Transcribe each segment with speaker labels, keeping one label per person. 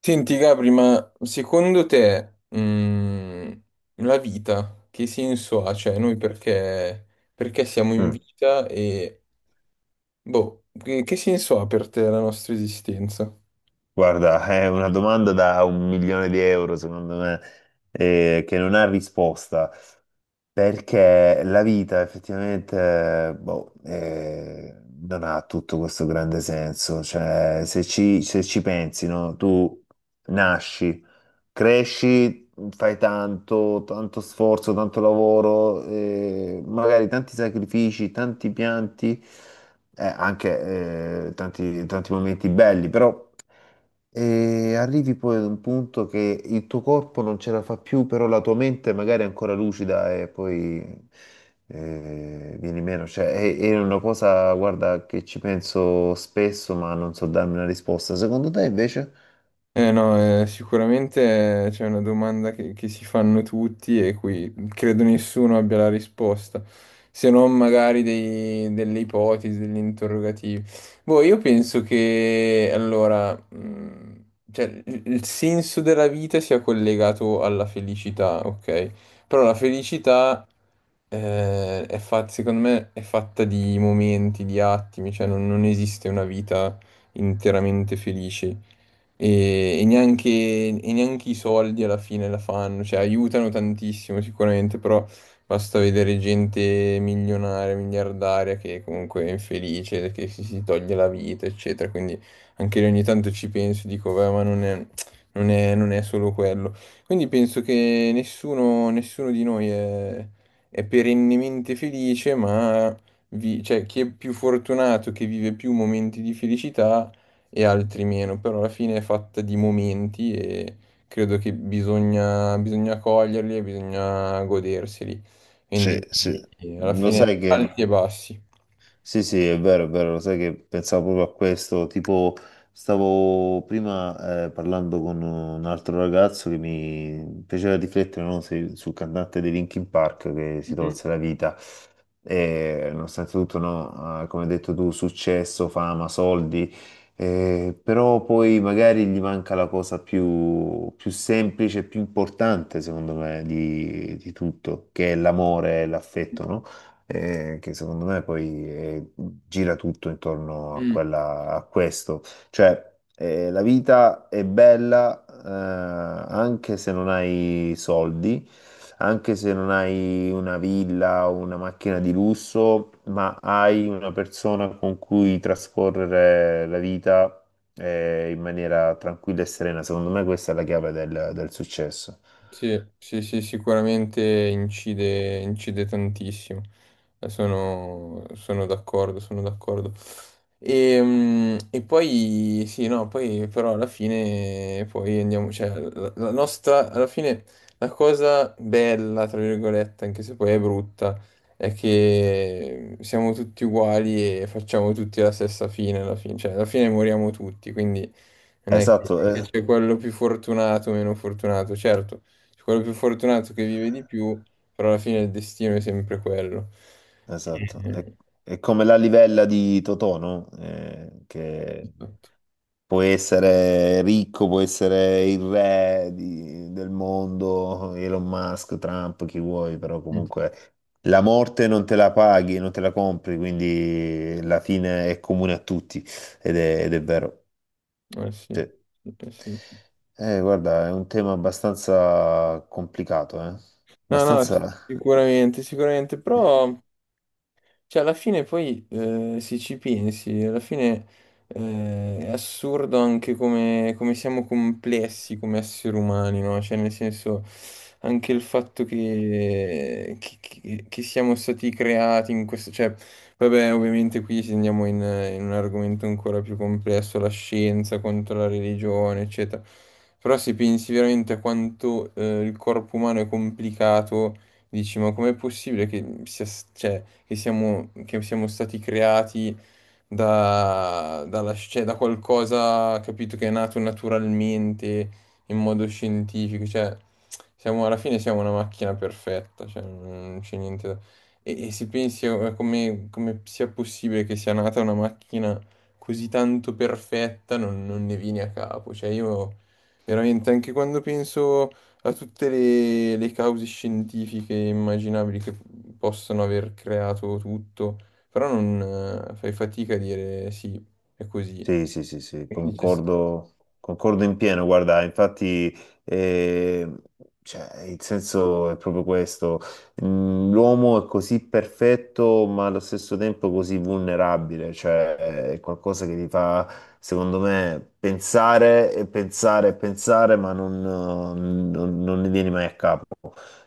Speaker 1: Senti, Gabri, ma secondo te, la vita che senso ha? Cioè, noi perché siamo in
Speaker 2: Mm.
Speaker 1: vita e, boh, che senso ha per te la nostra esistenza?
Speaker 2: Guarda, è una domanda da un milione di euro, secondo me, che non ha risposta, perché la vita effettivamente, boh, non ha tutto questo grande senso. Cioè, se ci pensi, no? Tu nasci, cresci, fai tanto, tanto sforzo, tanto lavoro, magari tanti sacrifici, tanti pianti, anche tanti tanti momenti belli, però. E arrivi poi ad un punto che il tuo corpo non ce la fa più, però la tua mente magari è ancora lucida e poi vieni meno. Cioè, è una cosa, guarda, che ci penso spesso, ma non so darmi una risposta. Secondo te invece?
Speaker 1: Eh no, sicuramente c'è una domanda che si fanno tutti e cui credo nessuno abbia la risposta, se non magari delle ipotesi, degli interrogativi. Boh, io penso che allora, cioè, il senso della vita sia collegato alla felicità, ok? Però la felicità è fatta, secondo me, è fatta di momenti, di attimi, cioè non esiste una vita interamente felice e neanche i soldi alla fine la fanno, cioè aiutano tantissimo sicuramente, però basta vedere gente milionaria, miliardaria che comunque è infelice, che si toglie la vita, eccetera, quindi anche lì ogni tanto ci penso e dico, beh, ma non è, non è solo quello. Quindi penso che nessuno di noi è perennemente felice, ma cioè, chi è più fortunato, che vive più momenti di felicità, e altri meno, però alla fine è fatta di momenti e credo che bisogna coglierli e bisogna goderseli.
Speaker 2: Sì,
Speaker 1: Quindi
Speaker 2: sì.
Speaker 1: alla
Speaker 2: Lo
Speaker 1: fine
Speaker 2: sai che.
Speaker 1: alti e bassi.
Speaker 2: Sì, sì, è vero, lo sai che pensavo proprio a questo, tipo stavo prima parlando con un altro ragazzo che mi piaceva riflettere no, sul cantante dei Linkin Park che si tolse la vita e nonostante tutto, no, come hai detto tu, successo, fama, soldi, però poi magari gli manca la cosa più, più semplice, più importante secondo me di tutto, che è l'amore e l'affetto, no? Che secondo me poi gira tutto intorno a quella, a questo. Cioè, la vita è bella anche se non hai soldi, anche se non hai una villa o una macchina di lusso, ma hai una persona con cui trascorrere la vita. In maniera tranquilla e serena, secondo me questa è la chiave del successo.
Speaker 1: Sì, sì, sì, sicuramente incide tantissimo. Sono d'accordo, sono d'accordo. E poi, sì, no, poi però alla fine, poi andiamo, cioè, la nostra, alla fine, la cosa bella, tra virgolette, anche se poi è brutta, è che siamo tutti uguali e facciamo tutti la stessa fine alla fine, cioè alla fine moriamo tutti, quindi...
Speaker 2: Esatto,
Speaker 1: Che
Speaker 2: eh,
Speaker 1: c'è quello più fortunato, meno fortunato, certo, c'è quello più fortunato che vive di più, però alla fine il destino è sempre quello. Eh,
Speaker 2: Esatto, è,
Speaker 1: Eh,
Speaker 2: è come la livella di Totò, no? Che
Speaker 1: esatto.
Speaker 2: può essere ricco, può essere il re del mondo, Elon Musk, Trump, chi vuoi, però
Speaker 1: Mm.
Speaker 2: comunque la morte non te la paghi, non te la compri, quindi la fine è comune a tutti ed è vero.
Speaker 1: Eh sì,
Speaker 2: Sì.
Speaker 1: eh sì.
Speaker 2: Guarda, è un tema abbastanza complicato, eh?
Speaker 1: No, no,
Speaker 2: Abbastanza.
Speaker 1: sicuramente, sicuramente, però. Cioè, alla fine poi, se ci pensi, alla fine è assurdo anche come siamo complessi come esseri umani, no? Cioè, nel senso, anche il fatto che siamo stati creati in questo... Cioè, vabbè, ovviamente qui se andiamo in un argomento ancora più complesso, la scienza contro la religione, eccetera. Però se pensi veramente a quanto il corpo umano è complicato. Dici, ma com'è possibile che sia, cioè, che siamo stati creati cioè, da qualcosa, capito, che è nato naturalmente, in modo scientifico? Cioè, siamo, alla fine siamo una macchina perfetta, cioè, non c'è niente da... E se pensi a come sia possibile che sia nata una macchina così tanto perfetta, non ne vieni a capo. Cioè, io veramente anche quando penso a tutte le cause scientifiche immaginabili che possono aver creato tutto, però non fai fatica a dire sì, è così.
Speaker 2: Sì, sì, sì, sì,
Speaker 1: Quindi c'è-
Speaker 2: concordo, concordo in pieno, guarda, infatti, eh, cioè, il senso è proprio questo. L'uomo è così perfetto ma allo stesso tempo così vulnerabile, cioè è qualcosa che ti fa, secondo me, pensare e pensare e pensare, ma non ne vieni mai a capo,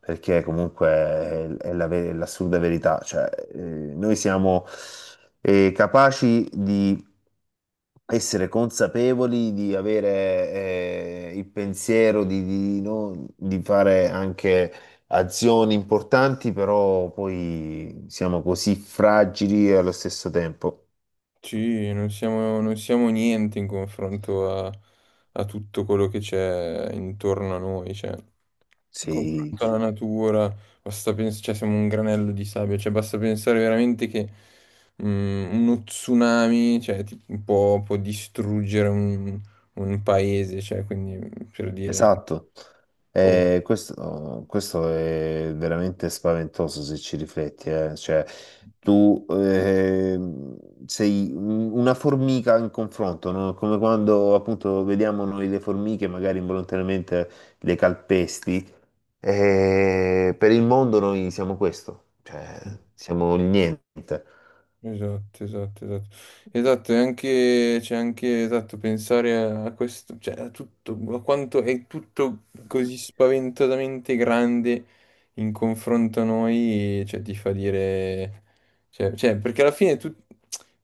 Speaker 2: perché comunque è la l'assurda verità, cioè, noi siamo, capaci di essere consapevoli di avere il pensiero di no- di fare anche azioni importanti, però poi siamo così fragili e allo stesso tempo.
Speaker 1: sì, non siamo niente in confronto a, a tutto quello che c'è intorno a noi, cioè.
Speaker 2: Sì.
Speaker 1: Confronto alla natura, basta cioè siamo un granello di sabbia, cioè basta pensare veramente che uno tsunami, cioè, può distruggere un, paese, cioè, quindi per dire... cioè,
Speaker 2: Esatto.
Speaker 1: boh.
Speaker 2: Questo è veramente spaventoso se ci rifletti, eh. Cioè, tu sei una formica in confronto, no? Come quando appunto vediamo noi le formiche, magari involontariamente le calpesti. Per il mondo noi siamo questo, cioè siamo il niente.
Speaker 1: Esatto, esatto, esatto. Esatto, e anche, c'è anche, esatto, pensare a questo, cioè a tutto, a quanto è tutto così spaventosamente grande in confronto a noi, cioè ti fa dire, cioè, perché alla fine tu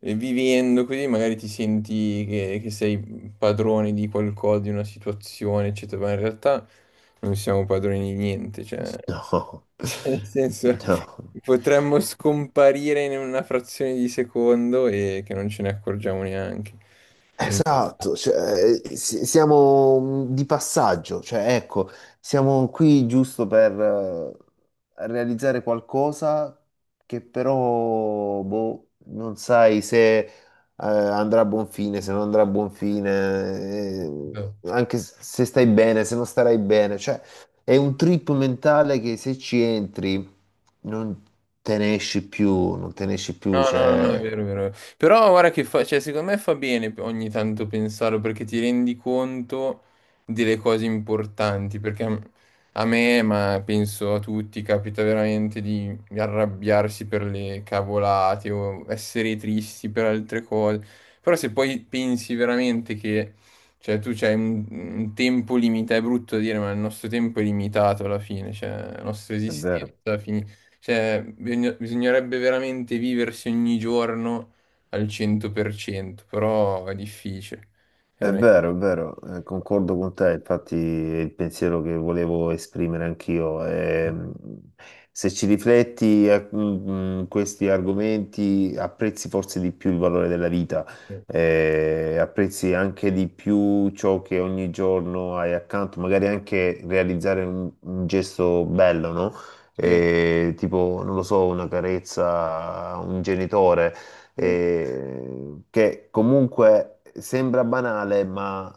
Speaker 1: vivendo così magari ti senti che sei padrone di qualcosa, di una situazione, eccetera, ma in realtà non siamo padroni di niente, cioè...
Speaker 2: No,
Speaker 1: Cioè, nel senso,
Speaker 2: no.
Speaker 1: potremmo scomparire in una frazione di secondo e che non ce ne accorgiamo neanche. Quindi.
Speaker 2: Esatto, cioè, siamo di passaggio, cioè, ecco, siamo qui giusto per realizzare qualcosa che però boh, non sai se andrà a buon fine, se non andrà a buon fine, eh,
Speaker 1: No.
Speaker 2: anche se stai bene, se non starai bene, cioè è un trip mentale che se ci entri non te ne esci più, non te ne esci più,
Speaker 1: No, no, no, no, è
Speaker 2: cioè.
Speaker 1: vero, è vero. Però guarda che fa, cioè, secondo me fa bene ogni tanto pensarlo perché ti rendi conto delle cose importanti, perché a me, ma penso a tutti, capita veramente di arrabbiarsi per le cavolate o essere tristi per altre cose. Però se poi pensi veramente che, cioè, tu c'hai un, tempo limitato, è brutto dire, ma il nostro tempo è limitato alla fine, cioè, la nostra
Speaker 2: È vero.
Speaker 1: esistenza finisce. Cioè, bisognerebbe veramente viversi ogni giorno al 100%, però è difficile.
Speaker 2: È
Speaker 1: Veramente.
Speaker 2: vero, è vero, concordo con te, infatti è il pensiero che volevo esprimere anch'io. Se ci rifletti, questi argomenti apprezzi forse di più il valore della vita,
Speaker 1: Sì,
Speaker 2: apprezzi anche di più ciò che ogni giorno hai accanto, magari anche realizzare un gesto bello, no?
Speaker 1: sì,
Speaker 2: Tipo, non lo so, una carezza a un genitore
Speaker 1: sì,
Speaker 2: che comunque sembra banale, ma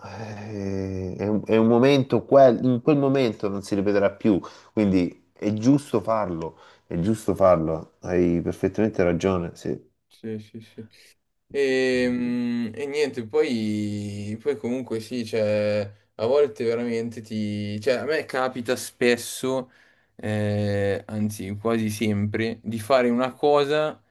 Speaker 2: è un momento, in quel momento non si ripeterà più, quindi è giusto farlo, hai perfettamente ragione, sì.
Speaker 1: sì, sì, sì. E niente, poi comunque sì, cioè, a volte veramente ti... Cioè, a me capita spesso, anzi quasi sempre, di fare una cosa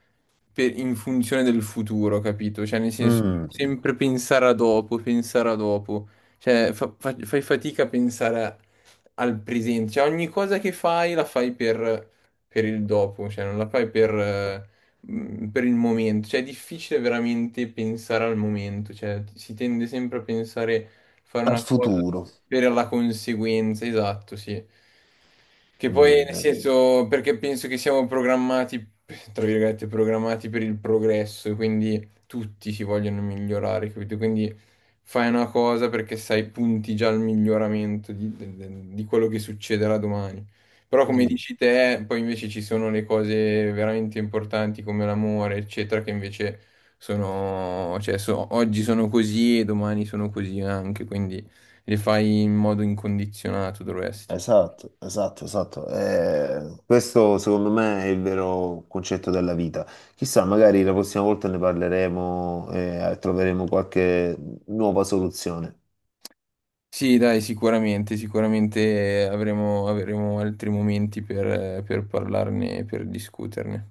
Speaker 1: in funzione del futuro, capito? Cioè, nel senso,
Speaker 2: Mm,
Speaker 1: sempre pensare a dopo, pensare a dopo. Cioè, fai fatica a pensare al presente. Cioè, ogni cosa che fai la fai per il dopo, cioè, non la fai per il momento, cioè è difficile veramente pensare al momento, cioè si tende sempre a pensare, fare
Speaker 2: al
Speaker 1: una cosa
Speaker 2: futuro.
Speaker 1: per la conseguenza, esatto, sì. Che poi,
Speaker 2: Mm,
Speaker 1: nel
Speaker 2: eh.
Speaker 1: senso, perché penso che siamo programmati, tra virgolette, programmati per il progresso, e quindi tutti si vogliono migliorare, capito? Quindi fai una cosa perché sai, punti già al miglioramento di quello che succederà domani. Però come
Speaker 2: Mm.
Speaker 1: dici te, poi invece ci sono le cose veramente importanti come l'amore, eccetera, che invece sono, cioè, oggi sono così e domani sono così anche, quindi le fai in modo incondizionato, dovresti.
Speaker 2: Esatto, esatto, esatto. Questo secondo me è il vero concetto della vita. Chissà, magari la prossima volta ne parleremo e troveremo qualche nuova soluzione.
Speaker 1: Sì, dai, sicuramente, sicuramente avremo altri momenti per parlarne, per discuterne.